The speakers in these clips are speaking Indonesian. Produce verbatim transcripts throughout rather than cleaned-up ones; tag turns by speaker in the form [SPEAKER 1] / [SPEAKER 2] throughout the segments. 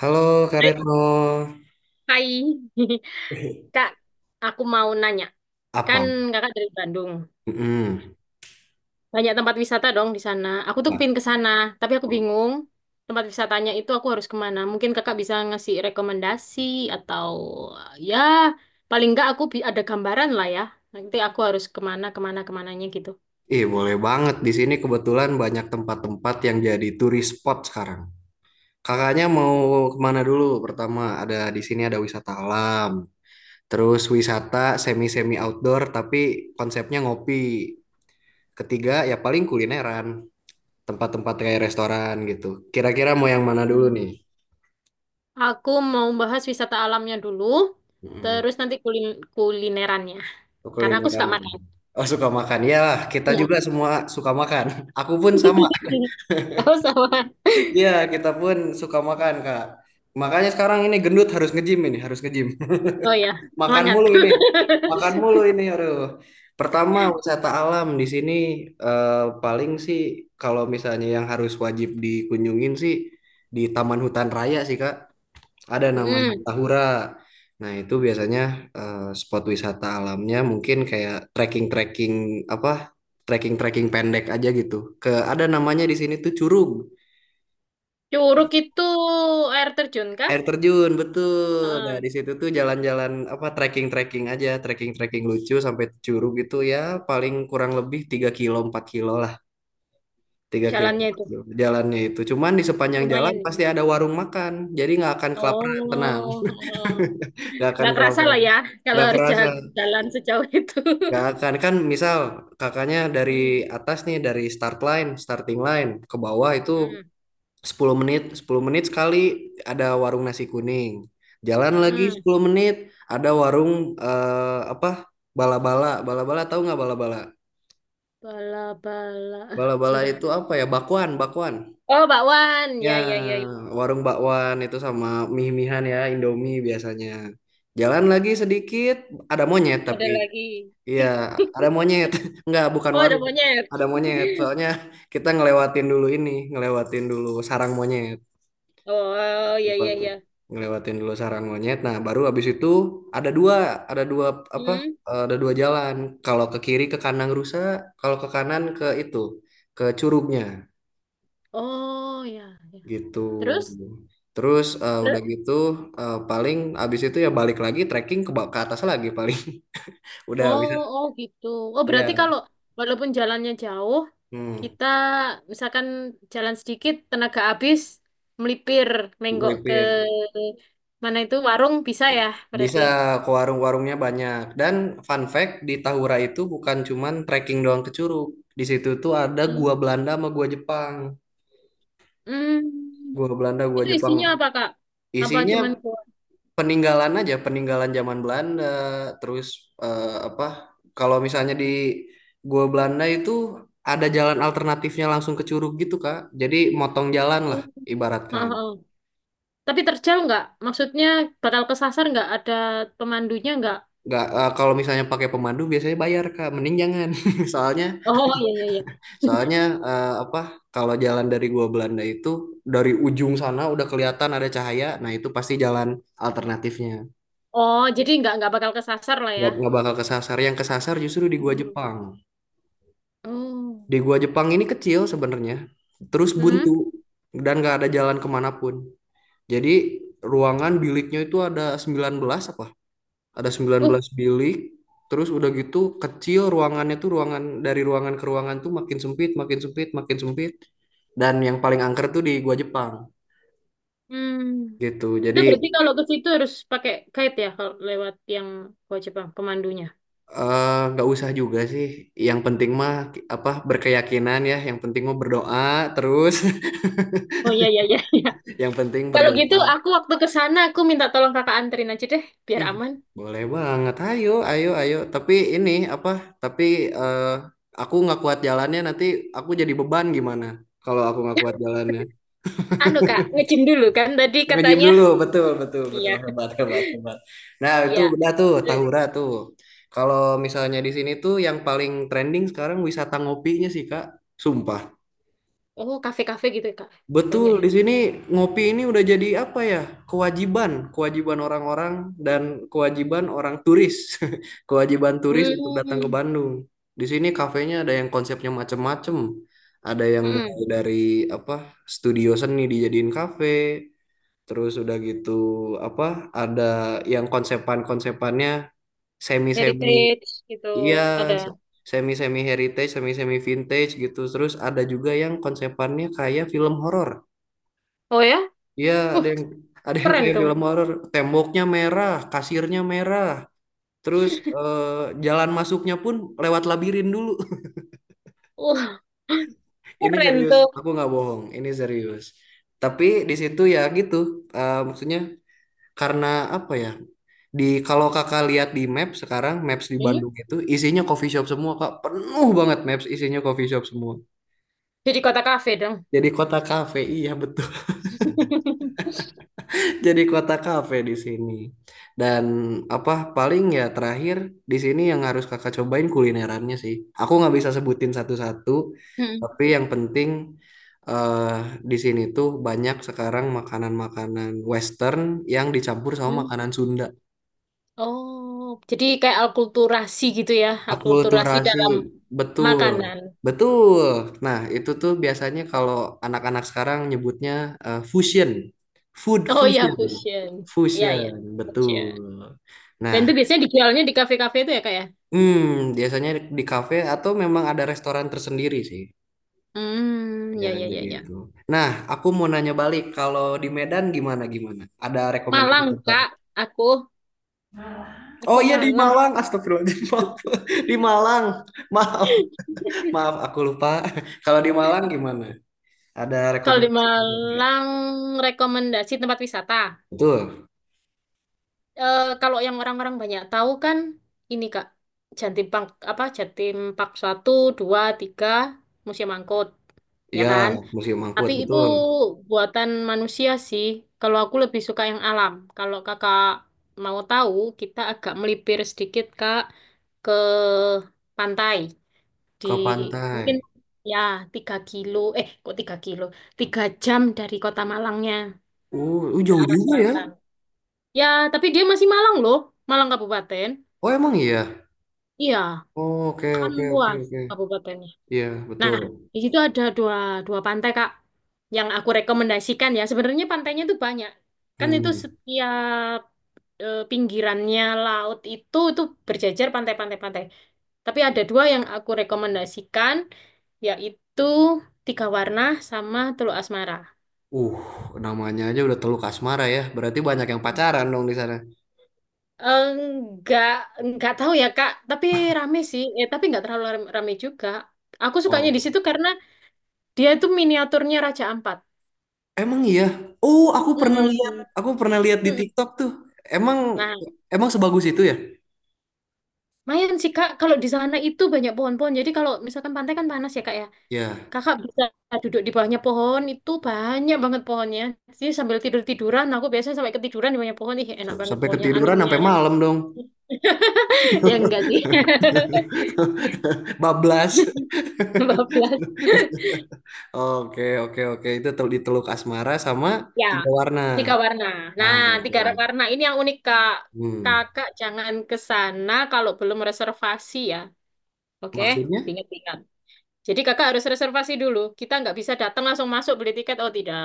[SPEAKER 1] Halo Kak
[SPEAKER 2] Hai,
[SPEAKER 1] Retno.
[SPEAKER 2] hai.
[SPEAKER 1] Ih,
[SPEAKER 2] Kak, aku mau nanya.
[SPEAKER 1] apa?
[SPEAKER 2] Kan kakak dari Bandung.
[SPEAKER 1] Mm-mm.
[SPEAKER 2] Banyak tempat wisata dong di sana. Aku tuh
[SPEAKER 1] Nah,
[SPEAKER 2] kepin ke sana, tapi aku bingung tempat wisatanya itu aku harus kemana. Mungkin kakak bisa ngasih rekomendasi atau ya paling nggak aku bi- ada gambaran lah ya. Nanti aku harus kemana, kemana, kemananya gitu.
[SPEAKER 1] ih, boleh banget. Di sini kebetulan banyak tempat-tempat yang jadi turis spot sekarang. Kakaknya mau kemana dulu? Pertama, ada di sini ada wisata alam. Terus wisata semi-semi outdoor, tapi konsepnya ngopi. Ketiga, ya paling kulineran. Tempat-tempat kayak restoran gitu. Kira-kira mau yang mana dulu
[SPEAKER 2] Hmm.
[SPEAKER 1] nih?
[SPEAKER 2] Aku mau bahas wisata alamnya dulu,
[SPEAKER 1] Mm-mm.
[SPEAKER 2] terus nanti kulin- kulinerannya. Karena aku suka
[SPEAKER 1] Kulineran.
[SPEAKER 2] makan.
[SPEAKER 1] Oh, suka makan. Ya, kita juga
[SPEAKER 2] Iya.
[SPEAKER 1] semua suka makan. Aku pun sama.
[SPEAKER 2] Oh, sama.
[SPEAKER 1] Iya, kita pun suka makan, Kak. Makanya sekarang ini gendut harus nge-gym ini, harus nge-gym.
[SPEAKER 2] Oh ya,
[SPEAKER 1] Makan
[SPEAKER 2] semangat.
[SPEAKER 1] mulu ini. Makan mulu ini, aduh. Pertama, wisata alam di sini eh, paling sih kalau misalnya yang harus wajib dikunjungin sih di Taman Hutan Raya sih, Kak. Ada namanya
[SPEAKER 2] Mm.
[SPEAKER 1] Tahura. Nah, itu biasanya eh, spot wisata alamnya mungkin kayak trekking-trekking apa? Trekking-trekking pendek aja gitu. Ke ada namanya di sini tuh Curug.
[SPEAKER 2] Curug itu air terjun kah?
[SPEAKER 1] Air terjun, betul. Nah,
[SPEAKER 2] Heeh,
[SPEAKER 1] di situ tuh jalan-jalan apa trekking-trekking aja, trekking-trekking lucu sampai Curug itu ya paling kurang lebih tiga kilo empat kilo lah, tiga kilo
[SPEAKER 2] jalannya
[SPEAKER 1] empat
[SPEAKER 2] itu
[SPEAKER 1] kilo jalannya itu. Cuman di sepanjang jalan
[SPEAKER 2] lumayan ini.
[SPEAKER 1] pasti ada warung makan. Jadi nggak akan kelaparan, tenang.
[SPEAKER 2] Oh, heeh.
[SPEAKER 1] Nggak akan
[SPEAKER 2] Nggak kerasa lah
[SPEAKER 1] kelaparan.
[SPEAKER 2] ya kalau
[SPEAKER 1] Nggak
[SPEAKER 2] harus
[SPEAKER 1] kerasa,
[SPEAKER 2] jalan, jalan sejauh itu.
[SPEAKER 1] nggak akan. Kan misal kakaknya dari
[SPEAKER 2] Mm,
[SPEAKER 1] atas nih, dari start line, starting line ke bawah itu
[SPEAKER 2] mm,
[SPEAKER 1] sepuluh menit, sepuluh menit sekali ada warung nasi kuning. Jalan lagi
[SPEAKER 2] mm.
[SPEAKER 1] sepuluh menit ada warung eh, apa? Bala-bala, bala-bala tahu nggak bala-bala?
[SPEAKER 2] Bala bala. Ah,
[SPEAKER 1] Bala-bala
[SPEAKER 2] sebentar.
[SPEAKER 1] itu apa ya? Bakwan, bakwan.
[SPEAKER 2] Oh, bakwan.
[SPEAKER 1] Ya,
[SPEAKER 2] Ya, ya, ya, ya.
[SPEAKER 1] warung bakwan itu sama mie-mihan ya, Indomie biasanya. Jalan lagi sedikit ada monyet
[SPEAKER 2] Ada
[SPEAKER 1] tapi
[SPEAKER 2] lagi.
[SPEAKER 1] iya, ada monyet. Nggak, bukan
[SPEAKER 2] Oh, ada
[SPEAKER 1] warung.
[SPEAKER 2] monyet.
[SPEAKER 1] Ada monyet. Soalnya kita ngelewatin dulu ini, ngelewatin dulu sarang monyet.
[SPEAKER 2] Oh, ya, ya,
[SPEAKER 1] Ngelewatin
[SPEAKER 2] ya.
[SPEAKER 1] ngelewatin dulu sarang monyet, nah baru habis itu ada dua ada dua apa
[SPEAKER 2] Mm.
[SPEAKER 1] eh, ada dua jalan. Kalau ke kiri ke kanan rusa, kalau ke kanan ke itu ke curugnya
[SPEAKER 2] Oh, ya, ya.
[SPEAKER 1] gitu.
[SPEAKER 2] Terus?
[SPEAKER 1] Terus eh, udah gitu eh, paling habis itu ya balik lagi trekking ke ba- ke atas lagi paling. Udah
[SPEAKER 2] Oh,
[SPEAKER 1] bisa
[SPEAKER 2] oh gitu. Oh, berarti
[SPEAKER 1] iya
[SPEAKER 2] kalau walaupun jalannya jauh,
[SPEAKER 1] hmm,
[SPEAKER 2] kita misalkan jalan sedikit, tenaga habis, melipir, menggok ke
[SPEAKER 1] melipir
[SPEAKER 2] mana itu warung bisa ya,
[SPEAKER 1] bisa
[SPEAKER 2] berarti.
[SPEAKER 1] ke warung-warungnya banyak dan fun fact di Tahura itu bukan cuman trekking doang ke curug. Di situ tuh ada
[SPEAKER 2] Hmm.
[SPEAKER 1] gua Belanda sama gua Jepang.
[SPEAKER 2] Hmm.
[SPEAKER 1] Gua Belanda, gua
[SPEAKER 2] Itu
[SPEAKER 1] Jepang.
[SPEAKER 2] isinya apa, Kak? Apa cuman
[SPEAKER 1] Isinya
[SPEAKER 2] buah?
[SPEAKER 1] peninggalan aja, peninggalan zaman Belanda. Terus eh, apa? Kalau misalnya di gua Belanda itu ada jalan alternatifnya langsung ke Curug gitu, Kak. Jadi motong jalan lah
[SPEAKER 2] Oh. Oh,
[SPEAKER 1] ibaratkan.
[SPEAKER 2] oh. Tapi terjal nggak? Maksudnya bakal kesasar nggak? Ada pemandunya nggak?
[SPEAKER 1] Nggak, eh, kalau misalnya pakai pemandu biasanya bayar, Kak. Mending jangan. Soalnya
[SPEAKER 2] Oh, iya, iya, iya.
[SPEAKER 1] soalnya eh, apa? Kalau jalan dari gua Belanda itu dari ujung sana udah kelihatan ada cahaya, nah itu pasti jalan alternatifnya.
[SPEAKER 2] Oh, jadi nggak nggak bakal kesasar lah ya.
[SPEAKER 1] Nggak, nggak bakal kesasar. Yang kesasar justru di gua
[SPEAKER 2] Hmm.
[SPEAKER 1] Jepang.
[SPEAKER 2] Oh.
[SPEAKER 1] Di gua Jepang ini kecil sebenarnya, terus
[SPEAKER 2] Hmm.
[SPEAKER 1] buntu dan nggak ada jalan kemanapun. Jadi ruangan biliknya itu ada sembilan belas apa? Ada sembilan
[SPEAKER 2] uh.
[SPEAKER 1] belas bilik, terus udah gitu kecil ruangannya tuh ruangan dari ruangan ke ruangan tuh makin sempit, makin sempit, makin sempit. Dan yang paling angker tuh di gua Jepang
[SPEAKER 2] Hmm.
[SPEAKER 1] gitu. Jadi
[SPEAKER 2] Itu berarti kalau ke situ harus pakai guide ya kalau lewat yang gua Jepang pemandunya.
[SPEAKER 1] eh, nggak usah juga sih. Yang penting mah apa berkeyakinan ya. Yang penting mah berdoa terus.
[SPEAKER 2] Oh, iya, iya, iya, iya.
[SPEAKER 1] Yang penting
[SPEAKER 2] Kalau gitu
[SPEAKER 1] berdoa.
[SPEAKER 2] aku waktu ke sana aku minta tolong kakak anterin aja deh biar
[SPEAKER 1] Ih,
[SPEAKER 2] aman.
[SPEAKER 1] boleh banget. Ayo, ayo, ayo. Tapi ini apa? Tapi eh, aku nggak kuat jalannya. Nanti aku jadi beban gimana? Kalau aku nggak kuat jalannya.
[SPEAKER 2] Anu kak, ngejim dulu kan tadi
[SPEAKER 1] Nge-gym
[SPEAKER 2] katanya.
[SPEAKER 1] dulu, betul, betul, betul.
[SPEAKER 2] Iya,
[SPEAKER 1] Hebat, hebat, hebat. Nah, itu
[SPEAKER 2] iya.
[SPEAKER 1] udah tuh
[SPEAKER 2] Terus,
[SPEAKER 1] Tahura tuh. Kalau misalnya di sini tuh yang paling trending sekarang wisata ngopinya sih, Kak. Sumpah.
[SPEAKER 2] oh kafe-kafe gitu kak,
[SPEAKER 1] Betul,
[SPEAKER 2] banyak ya.
[SPEAKER 1] di sini ngopi ini udah jadi apa ya? Kewajiban, kewajiban orang-orang dan kewajiban orang turis. Kewajiban turis untuk datang ke
[SPEAKER 2] Hmm.
[SPEAKER 1] Bandung. Di sini kafenya ada yang konsepnya macem-macem. Ada yang mulai
[SPEAKER 2] Mm-mm.
[SPEAKER 1] dari apa? Studio seni dijadiin kafe, terus udah gitu apa? Ada yang konsepan-konsepannya semi-semi
[SPEAKER 2] Heritage gitu
[SPEAKER 1] iya, se-
[SPEAKER 2] ada.
[SPEAKER 1] semi-semi heritage, semi-semi vintage gitu. Terus ada juga yang konsepannya kayak film horor.
[SPEAKER 2] Oh, ya?
[SPEAKER 1] Iya, ada
[SPEAKER 2] Wah,
[SPEAKER 1] yang ada yang
[SPEAKER 2] keren
[SPEAKER 1] kayak
[SPEAKER 2] dong.
[SPEAKER 1] film horor, temboknya merah, kasirnya merah, terus eh, jalan masuknya pun lewat labirin dulu.
[SPEAKER 2] Wah,
[SPEAKER 1] Ini
[SPEAKER 2] keren
[SPEAKER 1] serius,
[SPEAKER 2] tuh.
[SPEAKER 1] aku nggak bohong, ini serius. Tapi di situ ya gitu, eh, maksudnya karena apa ya? Di kalau kakak lihat di map sekarang, maps di
[SPEAKER 2] Hmm.
[SPEAKER 1] Bandung itu isinya coffee shop semua kak, penuh banget maps isinya coffee shop semua.
[SPEAKER 2] Jadi kota kafe dong.
[SPEAKER 1] Jadi kota kafe, iya betul. Jadi kota kafe di sini. Dan apa paling ya terakhir di sini yang harus kakak cobain kulinerannya sih. Aku nggak bisa sebutin satu-satu, tapi yang penting eh di sini tuh banyak sekarang makanan-makanan Western yang dicampur sama
[SPEAKER 2] Hmm.
[SPEAKER 1] makanan Sunda.
[SPEAKER 2] Oh, jadi kayak alkulturasi gitu ya, alkulturasi
[SPEAKER 1] Akulturasi,
[SPEAKER 2] dalam
[SPEAKER 1] betul,
[SPEAKER 2] makanan.
[SPEAKER 1] betul. Nah itu tuh biasanya kalau anak-anak sekarang nyebutnya eh, fusion, food
[SPEAKER 2] Oh ya,
[SPEAKER 1] fusion,
[SPEAKER 2] fusion. Ya
[SPEAKER 1] fusion,
[SPEAKER 2] ya, fusion.
[SPEAKER 1] betul.
[SPEAKER 2] Dan
[SPEAKER 1] Nah,
[SPEAKER 2] itu biasanya dijualnya di kafe-kafe itu ya, Kak ya?
[SPEAKER 1] Hmm, biasanya di kafe atau memang ada restoran tersendiri sih,
[SPEAKER 2] Hmm, ya, ya,
[SPEAKER 1] biasanya
[SPEAKER 2] ya, ya.
[SPEAKER 1] gitu. Nah, aku mau nanya balik, kalau di Medan gimana gimana? Ada rekomendasi
[SPEAKER 2] Malang,
[SPEAKER 1] tempat?
[SPEAKER 2] Kak. Aku
[SPEAKER 1] Oh
[SPEAKER 2] aku
[SPEAKER 1] iya di
[SPEAKER 2] Malang.
[SPEAKER 1] Malang, astagfirullahaladzim, maaf. Di Malang, maaf, maaf, aku lupa. Kalau di Malang gimana? Ada
[SPEAKER 2] Kalau di
[SPEAKER 1] rekomendasi tempat nggak?
[SPEAKER 2] Malang rekomendasi tempat wisata.
[SPEAKER 1] Betul,
[SPEAKER 2] Eh, kalau yang orang-orang banyak tahu kan ini, Kak. Jatim Pak apa Jatim Pak satu, dua, tiga Museum Angkut. Ya
[SPEAKER 1] ya
[SPEAKER 2] kan?
[SPEAKER 1] Museum Angkut,
[SPEAKER 2] Tapi itu
[SPEAKER 1] betul.
[SPEAKER 2] buatan manusia sih. Kalau aku lebih suka yang alam. Kalau kakak mau tahu, kita agak melipir sedikit kak ke pantai di
[SPEAKER 1] Ke pantai.
[SPEAKER 2] mungkin ya tiga kilo. Eh, kok tiga kilo? Tiga jam dari kota Malangnya
[SPEAKER 1] Uh, uh,
[SPEAKER 2] ke
[SPEAKER 1] jauh
[SPEAKER 2] arah
[SPEAKER 1] juga ya?
[SPEAKER 2] selatan. Ya, tapi dia masih Malang loh, Malang Kabupaten.
[SPEAKER 1] Oh emang iya.
[SPEAKER 2] Iya,
[SPEAKER 1] Oh, oke
[SPEAKER 2] kan
[SPEAKER 1] oke oke
[SPEAKER 2] luas
[SPEAKER 1] oke.
[SPEAKER 2] Kabupaten.
[SPEAKER 1] Iya
[SPEAKER 2] Nah,
[SPEAKER 1] betul.
[SPEAKER 2] di situ ada dua, dua pantai, Kak, yang aku rekomendasikan ya. Sebenarnya pantainya tuh banyak. Kan itu
[SPEAKER 1] Hmm.
[SPEAKER 2] setiap eh, pinggirannya laut itu itu berjajar pantai-pantai-pantai. Tapi ada dua yang aku rekomendasikan, yaitu Tiga Warna sama Teluk Asmara.
[SPEAKER 1] Uh, Namanya aja udah Teluk Asmara ya. Berarti banyak yang
[SPEAKER 2] Hmm.
[SPEAKER 1] pacaran dong di sana.
[SPEAKER 2] Enggak, enggak tahu ya, Kak. Tapi rame sih. Eh, tapi enggak terlalu ram- rame juga. Aku sukanya di
[SPEAKER 1] Oh.
[SPEAKER 2] situ karena dia itu miniaturnya Raja Ampat.
[SPEAKER 1] Emang iya? Oh, aku pernah lihat.
[SPEAKER 2] Mm-mm.
[SPEAKER 1] Aku pernah lihat di
[SPEAKER 2] Mm-mm.
[SPEAKER 1] TikTok tuh. Emang
[SPEAKER 2] Nah,
[SPEAKER 1] emang sebagus itu ya?
[SPEAKER 2] lumayan sih Kak, kalau di sana itu banyak pohon-pohon. Jadi kalau misalkan pantai kan panas ya Kak ya.
[SPEAKER 1] Ya,
[SPEAKER 2] Kakak bisa duduk di bawahnya pohon, itu banyak banget pohonnya. Jadi sambil tidur-tiduran, aku biasanya sampai ketiduran di bawahnya pohon. Ih, enak
[SPEAKER 1] s-
[SPEAKER 2] banget
[SPEAKER 1] sampai
[SPEAKER 2] pohonnya,
[SPEAKER 1] ketiduran
[SPEAKER 2] anginnya.
[SPEAKER 1] sampai malam dong.
[SPEAKER 2] Ya enggak sih,
[SPEAKER 1] Bablas.
[SPEAKER 2] dua belas.
[SPEAKER 1] Oke, oke, oke. Itu tel- di Teluk Asmara sama
[SPEAKER 2] Ya,
[SPEAKER 1] tiga warna.
[SPEAKER 2] tiga warna.
[SPEAKER 1] Ah,
[SPEAKER 2] Nah,
[SPEAKER 1] oke.
[SPEAKER 2] tiga warna ini yang unik Kak.
[SPEAKER 1] Hmm.
[SPEAKER 2] Kakak jangan ke sana kalau belum reservasi ya. Oke,
[SPEAKER 1] Maksudnya?
[SPEAKER 2] ingat-ingat. Jadi kakak harus reservasi dulu. Kita nggak bisa datang langsung masuk beli tiket. Oh, tidak.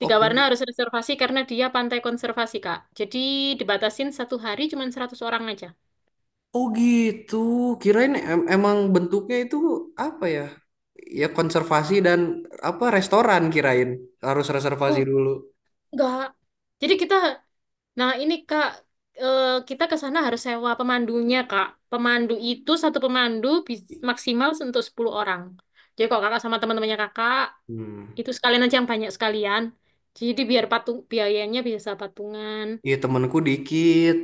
[SPEAKER 2] Tiga
[SPEAKER 1] Oke.
[SPEAKER 2] warna harus reservasi karena dia pantai konservasi, Kak. Jadi dibatasin satu hari cuma seratus orang aja.
[SPEAKER 1] Oh gitu, kirain em- emang bentuknya itu apa ya? Ya konservasi dan apa restoran kirain harus reservasi
[SPEAKER 2] Oh,
[SPEAKER 1] dulu.
[SPEAKER 2] enggak. Jadi kita, nah ini Kak, eh, kita ke sana harus sewa pemandunya, Kak. Pemandu itu satu pemandu bis- maksimal untuk sepuluh orang. Jadi kalau Kakak sama teman-temannya Kakak,
[SPEAKER 1] Hmm.
[SPEAKER 2] itu sekalian aja yang banyak sekalian. Jadi biar patung biayanya bisa patungan.
[SPEAKER 1] Iya temanku dikit.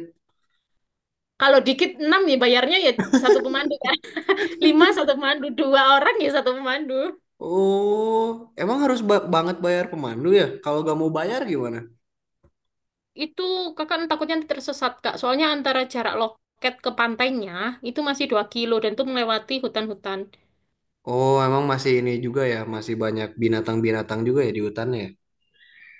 [SPEAKER 2] Kalau dikit enam nih bayarnya ya satu pemandu kan. Lima satu pemandu, dua orang ya satu pemandu.
[SPEAKER 1] Oh, emang harus ba- banget bayar pemandu ya? Kalau gak mau bayar gimana?
[SPEAKER 2] Itu kakak takutnya nanti tersesat kak. Soalnya antara jarak loket ke pantainya itu masih dua kilo dan itu melewati hutan-hutan.
[SPEAKER 1] Oh, emang masih ini juga ya, masih banyak binatang-binatang juga ya di hutannya ya.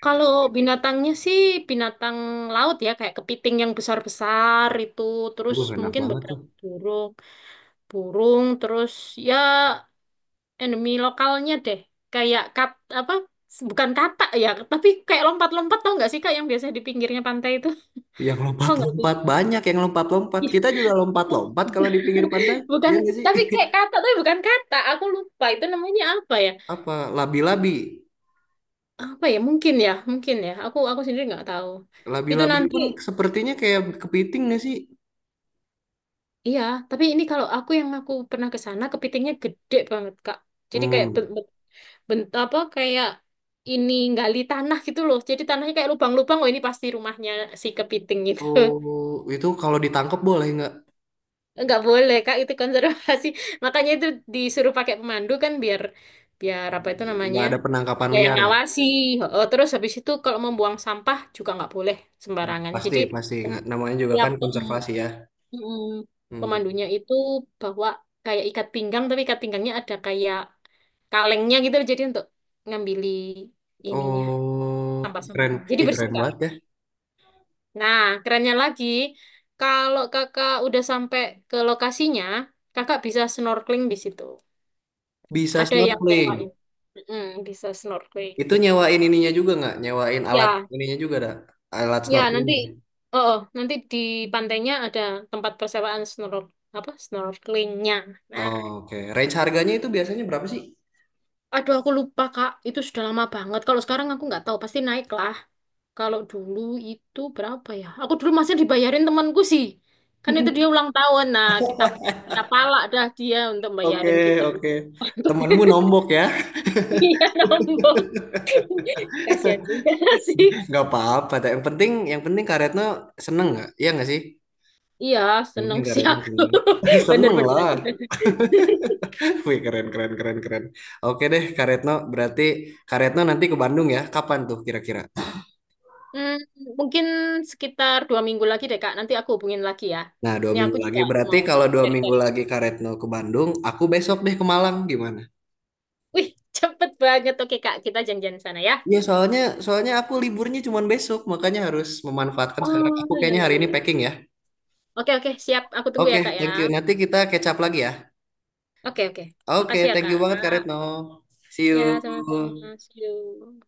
[SPEAKER 2] Kalau binatangnya sih binatang laut ya kayak kepiting yang besar-besar itu. Terus
[SPEAKER 1] Waduh, enak
[SPEAKER 2] mungkin
[SPEAKER 1] banget tuh.
[SPEAKER 2] beberapa burung, burung. Terus ya endemi lokalnya deh. Kayak kat apa? Bukan katak ya, tapi kayak lompat-lompat tau nggak sih kak yang biasa di pinggirnya pantai itu?
[SPEAKER 1] Yang
[SPEAKER 2] Tau nggak sih?
[SPEAKER 1] lompat-lompat banyak yang lompat-lompat. Kita juga
[SPEAKER 2] Iya.
[SPEAKER 1] lompat-lompat kalau di pinggir pantai.
[SPEAKER 2] Bukan,
[SPEAKER 1] Iya nggak sih?
[SPEAKER 2] tapi kayak kata, tapi bukan kata. Aku lupa itu namanya apa ya?
[SPEAKER 1] Apa labi-labi?
[SPEAKER 2] Apa ya? Mungkin ya, mungkin ya. Aku aku sendiri nggak tahu. Itu
[SPEAKER 1] Labi-labi
[SPEAKER 2] nanti,
[SPEAKER 1] pun sepertinya kayak kepiting nggak sih?
[SPEAKER 2] iya. Tapi ini kalau aku yang aku pernah ke sana, kepitingnya gede banget, Kak. Jadi kayak bent,
[SPEAKER 1] Hmm.
[SPEAKER 2] bent, bent- apa kayak ini gali tanah gitu loh. Jadi tanahnya kayak lubang-lubang. Oh ini pasti rumahnya si kepiting gitu.
[SPEAKER 1] Oh, itu kalau ditangkap boleh nggak?
[SPEAKER 2] Nggak boleh Kak, itu konservasi. Makanya itu disuruh pakai pemandu kan biar biar apa itu
[SPEAKER 1] Nggak
[SPEAKER 2] namanya?
[SPEAKER 1] ada penangkapan
[SPEAKER 2] Dia yang
[SPEAKER 1] liar ya?
[SPEAKER 2] ngawasi. Oh, terus habis itu kalau membuang sampah juga nggak boleh
[SPEAKER 1] Hmm,
[SPEAKER 2] sembarangan.
[SPEAKER 1] pasti,
[SPEAKER 2] Jadi
[SPEAKER 1] pasti. Nggak, namanya juga
[SPEAKER 2] tiap
[SPEAKER 1] kan
[SPEAKER 2] pem,
[SPEAKER 1] konservasi ya.
[SPEAKER 2] mm,
[SPEAKER 1] Hmm.
[SPEAKER 2] pemandunya itu bawa kayak ikat pinggang tapi ikat pinggangnya ada kayak kalengnya gitu loh. Jadi untuk ngambili ininya
[SPEAKER 1] Oh, ih, keren.
[SPEAKER 2] sampah-sampahnya. Jadi
[SPEAKER 1] Ih,
[SPEAKER 2] bersih
[SPEAKER 1] keren
[SPEAKER 2] Kak.
[SPEAKER 1] banget ya.
[SPEAKER 2] Nah, kerennya lagi, kalau kakak udah sampai ke lokasinya, kakak bisa snorkeling di situ.
[SPEAKER 1] Bisa
[SPEAKER 2] Ada yang
[SPEAKER 1] snorkeling.
[SPEAKER 2] nyewain. Mm, bisa snorkeling.
[SPEAKER 1] Itu nyewain ininya juga nggak? Nyewain alat
[SPEAKER 2] Ya,
[SPEAKER 1] ininya juga ada? Alat
[SPEAKER 2] ya nanti,
[SPEAKER 1] snorkeling.
[SPEAKER 2] oh, oh, nanti di pantainya ada tempat persewaan snor apa snorkelingnya. Nah,
[SPEAKER 1] Oh, oke. Range harganya itu biasanya berapa sih?
[SPEAKER 2] aduh aku lupa Kak, itu sudah lama banget. Kalau sekarang aku nggak tahu, pasti naik lah. Kalau dulu itu berapa ya? Aku dulu masih dibayarin temanku sih. Kan itu dia ulang tahun. Nah, kita kita palak dah dia untuk
[SPEAKER 1] Oke,
[SPEAKER 2] bayarin kita
[SPEAKER 1] oke.
[SPEAKER 2] untuk
[SPEAKER 1] Temenmu nombok ya.
[SPEAKER 2] iya, nombok. Kasihan juga sih.
[SPEAKER 1] Nggak apa-apa. Yang penting, yang penting Kak Retno seneng nggak? Iya nggak sih?
[SPEAKER 2] Iya,
[SPEAKER 1] Ini
[SPEAKER 2] seneng
[SPEAKER 1] Kak
[SPEAKER 2] sih
[SPEAKER 1] Retno
[SPEAKER 2] aku.
[SPEAKER 1] sini. Seneng
[SPEAKER 2] Bener-bener aku.
[SPEAKER 1] lah. Wih, keren, keren, keren, keren. Oke deh, Kak Retno. Berarti Kak Retno nanti ke Bandung ya? Kapan tuh kira-kira?
[SPEAKER 2] Hmm, mungkin sekitar dua minggu lagi deh, Kak. Nanti aku hubungin lagi ya.
[SPEAKER 1] Nah, dua
[SPEAKER 2] Ini aku
[SPEAKER 1] minggu
[SPEAKER 2] juga
[SPEAKER 1] lagi. Berarti
[SPEAKER 2] mau
[SPEAKER 1] kalau dua minggu
[SPEAKER 2] cari-cari.
[SPEAKER 1] lagi Kak Retno ke Bandung, aku besok deh ke Malang. Gimana?
[SPEAKER 2] Wih, cepet banget. Oke, Kak. Kita janjian sana ya.
[SPEAKER 1] Iya, soalnya soalnya aku liburnya cuma besok, makanya harus memanfaatkan sekarang.
[SPEAKER 2] Oh,
[SPEAKER 1] Aku
[SPEAKER 2] iya,
[SPEAKER 1] kayaknya
[SPEAKER 2] iya,
[SPEAKER 1] hari ini
[SPEAKER 2] iya.
[SPEAKER 1] packing ya.
[SPEAKER 2] Oke, oke. Siap. Aku tunggu
[SPEAKER 1] Oke,
[SPEAKER 2] ya, Kak, ya.
[SPEAKER 1] thank you. Nanti kita catch up lagi ya.
[SPEAKER 2] Oke, oke.
[SPEAKER 1] Oke,
[SPEAKER 2] Makasih ya,
[SPEAKER 1] thank
[SPEAKER 2] Kak.
[SPEAKER 1] you banget Kak Retno. See
[SPEAKER 2] Ya,
[SPEAKER 1] you.
[SPEAKER 2] sama-sama. See you.